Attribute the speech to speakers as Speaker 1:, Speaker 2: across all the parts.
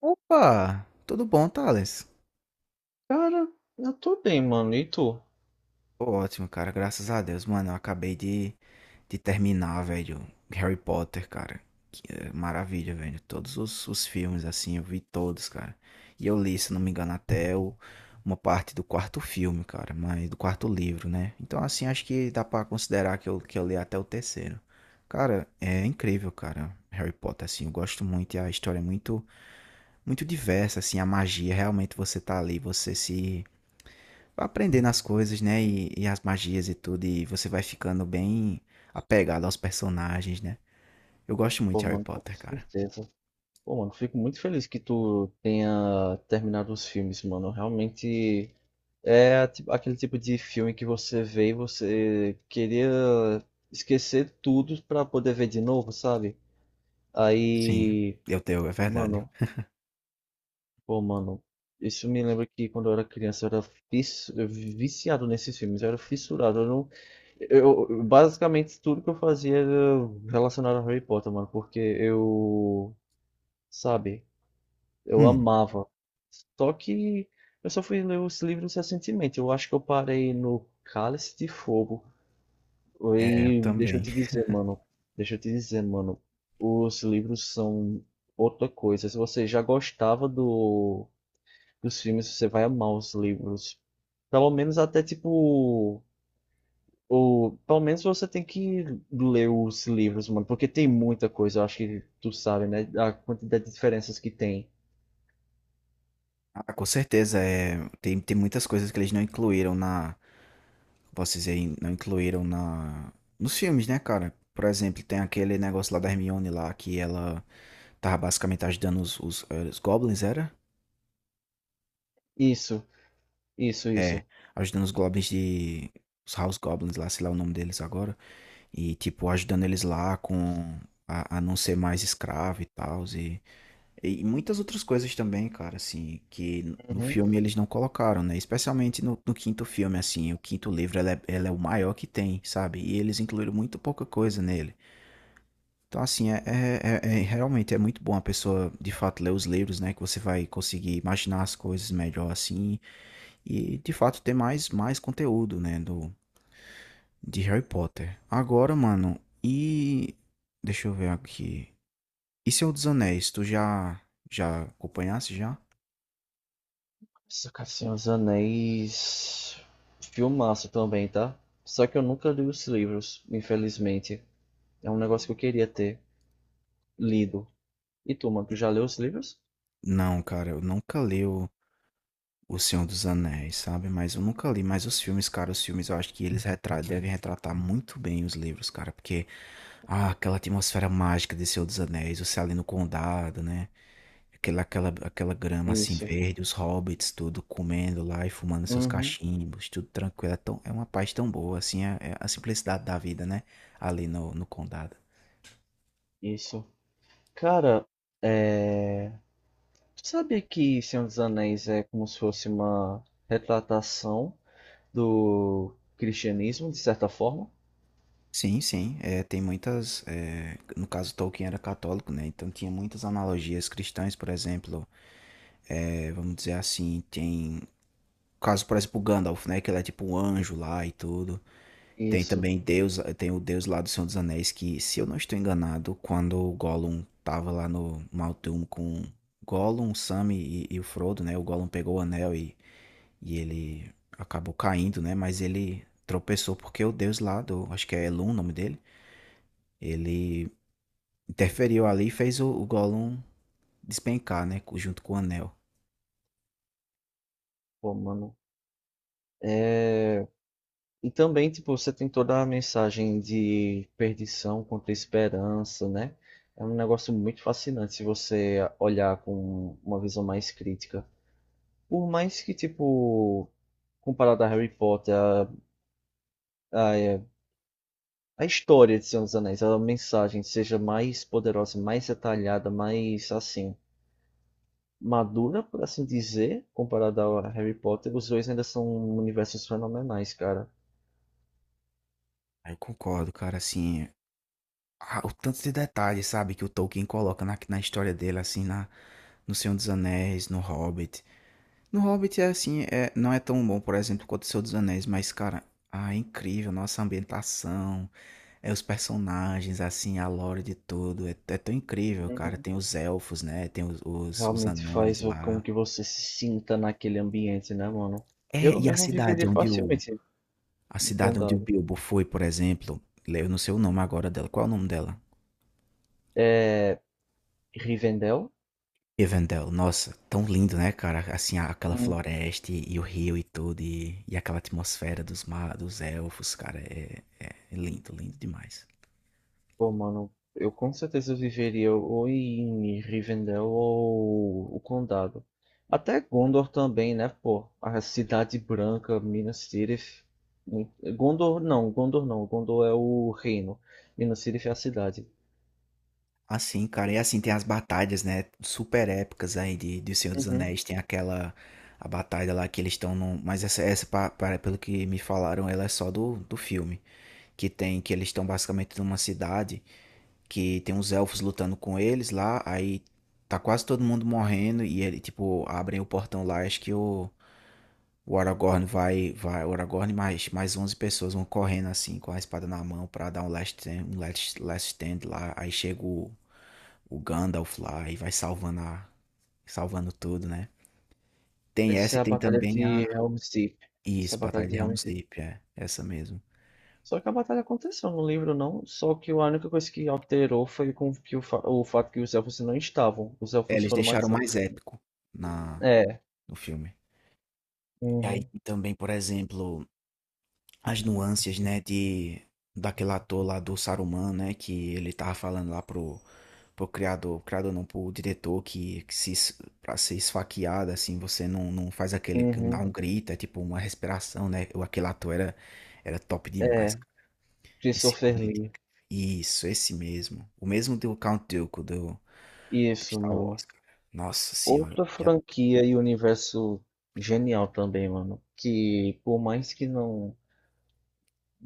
Speaker 1: Opa! Tudo bom, Thales?
Speaker 2: Cara, eu tô bem, mano. E tu?
Speaker 1: Tô ótimo, cara. Graças a Deus, mano. Eu acabei de terminar, velho. Harry Potter, cara. Que maravilha, velho. Todos os filmes, assim, eu vi todos, cara. E eu li, se não me engano, uma parte do quarto filme, cara. Mas do quarto livro, né? Então, assim, acho que dá pra considerar que eu li até o terceiro. Cara, é incrível, cara. Harry Potter, assim, eu gosto muito e a história é muito diversa, assim, a magia, realmente você tá ali, você se aprendendo as coisas, né? E as magias e tudo. E você vai ficando bem apegado aos personagens, né? Eu gosto muito
Speaker 2: Pô,
Speaker 1: de Harry
Speaker 2: mano, com
Speaker 1: Potter, cara.
Speaker 2: certeza. Pô, mano, fico muito feliz que tu tenha terminado os filmes, mano. Realmente é aquele tipo de filme que você vê e você queria esquecer tudo pra poder ver de novo, sabe?
Speaker 1: Sim,
Speaker 2: Aí,
Speaker 1: eu tenho, é verdade.
Speaker 2: mano. Pô, mano, isso me lembra que quando eu era criança eu era viciado nesses filmes, eu era fissurado. Eu não... basicamente tudo que eu fazia era relacionado a Harry Potter, mano, porque eu, sabe, eu
Speaker 1: Hum,
Speaker 2: amava. Só que eu só fui ler os livros recentemente. Eu acho que eu parei no Cálice de Fogo.
Speaker 1: é, eu
Speaker 2: E deixa eu
Speaker 1: também.
Speaker 2: te dizer, mano, deixa eu te dizer, mano, os livros são outra coisa. Se você já gostava do os filmes, você vai amar os livros. Pelo menos até tipo. O, pelo menos você tem que ler os livros, mano, porque tem muita coisa, eu acho que tu sabe, né? A quantidade de diferenças que tem.
Speaker 1: Ah, com certeza, é, tem muitas coisas que eles não incluíram na. Posso dizer, não incluíram na. Nos filmes, né, cara? Por exemplo, tem aquele negócio lá da Hermione lá, que ela tava basicamente ajudando os Goblins, era?
Speaker 2: Isso, isso,
Speaker 1: É,
Speaker 2: isso.
Speaker 1: ajudando os Goblins de. Os House Goblins lá, sei lá o nome deles agora. E tipo ajudando eles lá com a não ser mais escravo e tal e muitas outras coisas também, cara, assim, que no
Speaker 2: Uhum.
Speaker 1: filme eles não colocaram, né? Especialmente no quinto filme, assim, o quinto livro ela é o maior que tem, sabe? E eles incluíram muito pouca coisa nele. Então, assim, realmente é muito bom a pessoa, de fato, ler os livros, né? Que você vai conseguir imaginar as coisas melhor, assim, e, de fato, mais conteúdo, né? De Harry Potter. Agora, mano, e. Deixa eu ver aqui. E Senhor dos Anéis? Tu já. Já acompanhasse já?
Speaker 2: Isso, cara. Senhor dos Anéis. Filmaço também, tá? Só que eu nunca li os livros, infelizmente. É um negócio que eu queria ter lido. E tu, mano, tu já leu os livros?
Speaker 1: Não, cara, eu nunca li o Senhor dos Anéis, sabe? Mas eu nunca li. Mas os filmes, cara, os filmes eu acho que eles devem retratar muito bem os livros, cara. Porque. Ah, aquela atmosfera mágica de Senhor dos Anéis, você ali no condado, né? Aquela grama assim
Speaker 2: Isso.
Speaker 1: verde, os hobbits tudo comendo lá e fumando seus
Speaker 2: Uhum.
Speaker 1: cachimbos, tudo tranquilo. É, tão, é uma paz tão boa, assim, é, é a simplicidade da vida, né? Ali no condado.
Speaker 2: Isso. Cara, é. Tu sabia que Senhor dos Anéis é como se fosse uma retratação do cristianismo, de certa forma?
Speaker 1: Sim, sim, é, tem muitas. É, no caso, Tolkien era católico, né? Então tinha muitas analogias cristãs, por exemplo, é, vamos dizer assim, tem. Caso, por exemplo, o Gandalf, né? Que ele é tipo um anjo lá e tudo. Tem
Speaker 2: Isso,
Speaker 1: também Deus, tem o Deus lá do Senhor dos Anéis que, se eu não estou enganado, quando o Gollum tava lá no Mal'Doom com Gollum, Sam e o Frodo, né? O Gollum pegou o anel e ele acabou caindo, né? Mas ele tropeçou porque o Deus lá do, acho que é Elun o nome dele, ele interferiu ali e fez o Gollum despencar, né? Junto com o anel.
Speaker 2: pô, mano. E também, tipo, você tem toda a mensagem de perdição contra a esperança, né? É um negócio muito fascinante se você olhar com uma visão mais crítica. Por mais que, tipo, comparado a Harry Potter, a, a história de Senhor dos Anéis, a mensagem seja mais poderosa, mais detalhada, mais assim madura, por assim dizer, comparada ao Harry Potter, os dois ainda são universos fenomenais, cara.
Speaker 1: Aí eu concordo, cara, assim, ah, o tanto de detalhes, sabe, que o Tolkien coloca na história dele, assim, na no Senhor dos Anéis, no Hobbit. No Hobbit é assim, é, não é tão bom, por exemplo, quanto o Senhor dos Anéis, mas, cara, ah, é incrível, nossa ambientação, é os personagens, assim, a lore de tudo, é, é tão incrível, cara.
Speaker 2: Uhum.
Speaker 1: Tem os elfos, né? Tem os
Speaker 2: Realmente
Speaker 1: anões
Speaker 2: com
Speaker 1: lá.
Speaker 2: que você se sinta naquele ambiente, né, mano?
Speaker 1: É,
Speaker 2: Eu
Speaker 1: e
Speaker 2: mesmo viveria facilmente
Speaker 1: a
Speaker 2: no
Speaker 1: cidade onde o
Speaker 2: condado.
Speaker 1: Bilbo foi, por exemplo, eu não sei o nome agora dela, qual é o nome dela?
Speaker 2: É, Rivendell.
Speaker 1: Rivendell, nossa, tão lindo, né, cara? Assim, aquela floresta e o rio e tudo, e aquela atmosfera dos elfos, cara, é lindo, lindo demais.
Speaker 2: Pô, mano, eu com certeza viveria ou em Rivendell ou o Condado. Até Gondor também, né, pô? A Cidade Branca, Minas Tirith. Mu- Gondor não, Gondor não. Gondor é o reino. Minas Tirith é a cidade.
Speaker 1: Assim, cara, e assim tem as batalhas, né, super épicas aí de Senhor dos
Speaker 2: Uhum.
Speaker 1: Anéis, tem aquela a batalha lá que eles estão num, mas pelo que me falaram, ela é só do filme, que tem que eles estão basicamente numa cidade que tem uns elfos lutando com eles lá, aí tá quase todo mundo morrendo e ele tipo abrem o portão lá, acho que o Aragorn vai vai o Aragorn e mais 11 pessoas vão correndo assim com a espada na mão pra dar um last stand, um last stand lá, aí chega o Gandalf lá e vai salvando a, salvando tudo, né? Tem essa
Speaker 2: Essa é
Speaker 1: e
Speaker 2: a
Speaker 1: tem
Speaker 2: Batalha
Speaker 1: também
Speaker 2: de
Speaker 1: a
Speaker 2: Helm's Deep. Essa é a
Speaker 1: isso,
Speaker 2: Batalha
Speaker 1: Batalha
Speaker 2: de
Speaker 1: de
Speaker 2: Helm's
Speaker 1: Helm's
Speaker 2: Deep.
Speaker 1: Deep, é essa mesmo.
Speaker 2: Só que a batalha aconteceu no livro, não. Só que a única coisa que alterou foi com que o fato que os elfos não estavam. Os
Speaker 1: É,
Speaker 2: elfos
Speaker 1: eles
Speaker 2: foram
Speaker 1: deixaram
Speaker 2: matados.
Speaker 1: mais épico na
Speaker 2: É.
Speaker 1: no filme. E aí
Speaker 2: Uhum.
Speaker 1: também, por exemplo, as nuances, né, de daquele ator lá do Saruman, né, que ele tava falando lá pro criador, criador não, pro diretor que se es- pra ser esfaqueado assim, você não, não faz aquele não dá
Speaker 2: Uhum.
Speaker 1: um grito, é tipo uma respiração, né? O aquele ator era top demais.
Speaker 2: É.
Speaker 1: É
Speaker 2: Christopher
Speaker 1: simplesmente
Speaker 2: Lee.
Speaker 1: incrível. Isso, esse mesmo. O mesmo do Count Dooku do
Speaker 2: Isso,
Speaker 1: Star Wars,
Speaker 2: mano.
Speaker 1: cara. Nossa senhora.
Speaker 2: Outra
Speaker 1: Que a-
Speaker 2: franquia e universo genial também, mano. Que por mais que não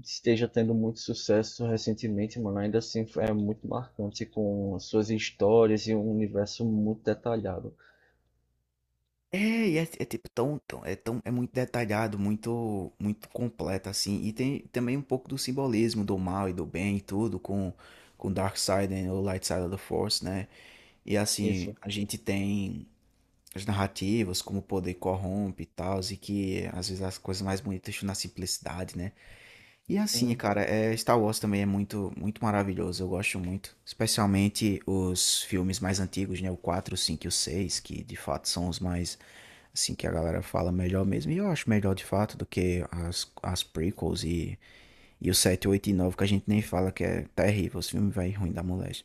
Speaker 2: esteja tendo muito sucesso recentemente, mano, ainda assim é muito marcante com suas histórias e um universo muito detalhado.
Speaker 1: É, é tipo é tão, é muito detalhado, muito completo assim. E tem também um pouco do simbolismo do mal e do bem e tudo com Dark Side e o Light Side of the Force, né? E assim,
Speaker 2: Isso.
Speaker 1: a gente tem as narrativas como o poder corrompe e tal, e que às vezes as coisas mais bonitas estão na simplicidade, né? E assim,
Speaker 2: Uhum.
Speaker 1: cara, é, Star Wars também é muito maravilhoso, eu gosto muito. Especialmente os filmes mais antigos, né? O quatro, o 5 e o seis, que de fato são os mais, assim, que a galera fala melhor mesmo. E eu acho melhor de fato do que as prequels e o sete, 8 e nove, que a gente nem fala, que é terrível, os filmes vai ruim da mulher.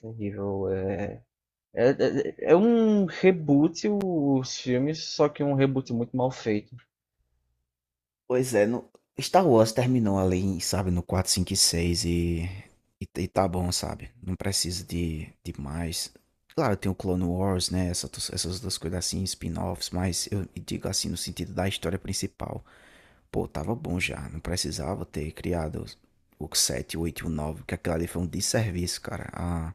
Speaker 2: Terrível. É... É, é, é um reboot os filmes, só que um reboot muito mal feito.
Speaker 1: Pois é, no... Star Wars terminou ali, sabe, no quatro, 5 e 6 e tá bom, sabe? Não precisa de mais. Claro, tem o Clone Wars, né? Essa, essas duas coisas assim, spin-offs, mas eu digo assim no sentido da história principal. Pô, tava bom já, não precisava ter criado o 7, o 8 e o nove, que aquilo ali foi um desserviço, cara, a,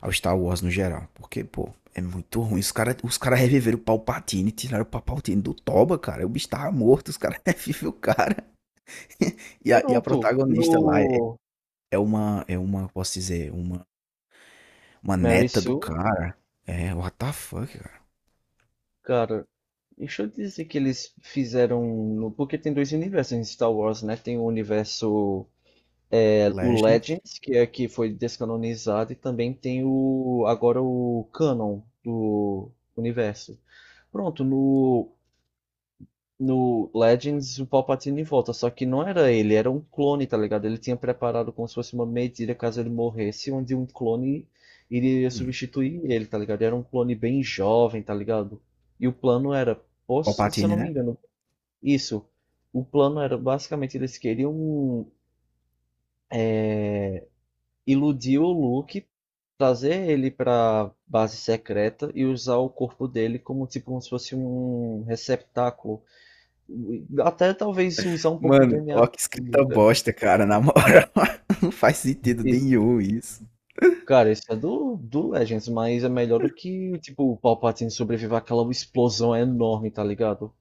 Speaker 1: ao Star Wars no geral. Porque, pô, é muito ruim. Os cara reviveram o Palpatine, tiraram o Palpatine do Toba, cara. O bicho tava morto, os caras revivem o cara. E a
Speaker 2: Pronto.
Speaker 1: protagonista lá é
Speaker 2: No
Speaker 1: é uma, posso dizer, uma
Speaker 2: Mary
Speaker 1: neta do
Speaker 2: Sue.
Speaker 1: cara. É, what the fuck, cara.
Speaker 2: Cara, deixa eu dizer que eles fizeram. Porque tem dois universos em Star Wars, né? Tem o universo. É, o
Speaker 1: Legends.
Speaker 2: Legends, que é que foi descanonizado, e também tem o. Agora o Canon do universo. Pronto, no no Legends, o Palpatine volta, só que não era ele, era um clone, tá ligado? Ele tinha preparado como se fosse uma medida caso ele morresse, onde um clone iria
Speaker 1: Hum,
Speaker 2: substituir ele, tá ligado? Era um clone bem jovem, tá ligado? E o plano era, se eu
Speaker 1: Palpatine,
Speaker 2: não me
Speaker 1: né.
Speaker 2: engano, isso. O plano era basicamente eles queriam iludir o Luke, trazer ele pra base secreta e usar o corpo dele como tipo como se fosse um receptáculo. Até talvez usar um pouco do
Speaker 1: Mano,
Speaker 2: DNA
Speaker 1: ó
Speaker 2: do
Speaker 1: que
Speaker 2: Doom,
Speaker 1: escrita
Speaker 2: cara.
Speaker 1: bosta, cara, na moral. Não faz sentido
Speaker 2: E,
Speaker 1: nenhum isso.
Speaker 2: cara, isso é do Legends, mas é melhor do que, tipo, o Palpatine sobreviver àquela explosão enorme, tá ligado?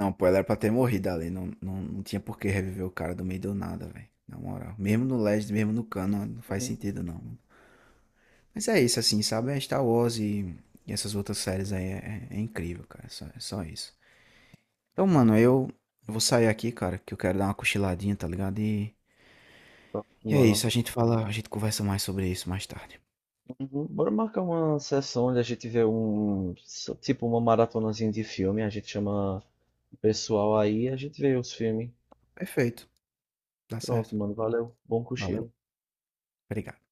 Speaker 1: Não, pô, ela era pra ter morrido ali, não tinha por que reviver o cara do meio do nada, velho, na moral. Mesmo no Legends, mesmo no canon, não faz
Speaker 2: Uhum.
Speaker 1: sentido não. Mas é isso, assim, sabe, é Star Wars e essas outras séries aí é incrível, cara, é só isso. Então, mano, eu vou sair aqui, cara, que eu quero dar uma cochiladinha, tá ligado? E é isso,
Speaker 2: Mano.
Speaker 1: a gente fala, a gente conversa mais sobre isso mais tarde.
Speaker 2: Uhum. Bora marcar uma sessão onde a gente vê um. So, tipo, uma maratonazinha de filme. A gente chama o pessoal aí e a gente vê os filmes.
Speaker 1: Perfeito, dá
Speaker 2: Pronto,
Speaker 1: certo.
Speaker 2: mano. Valeu. Bom
Speaker 1: Valeu,
Speaker 2: cochilo.
Speaker 1: obrigado.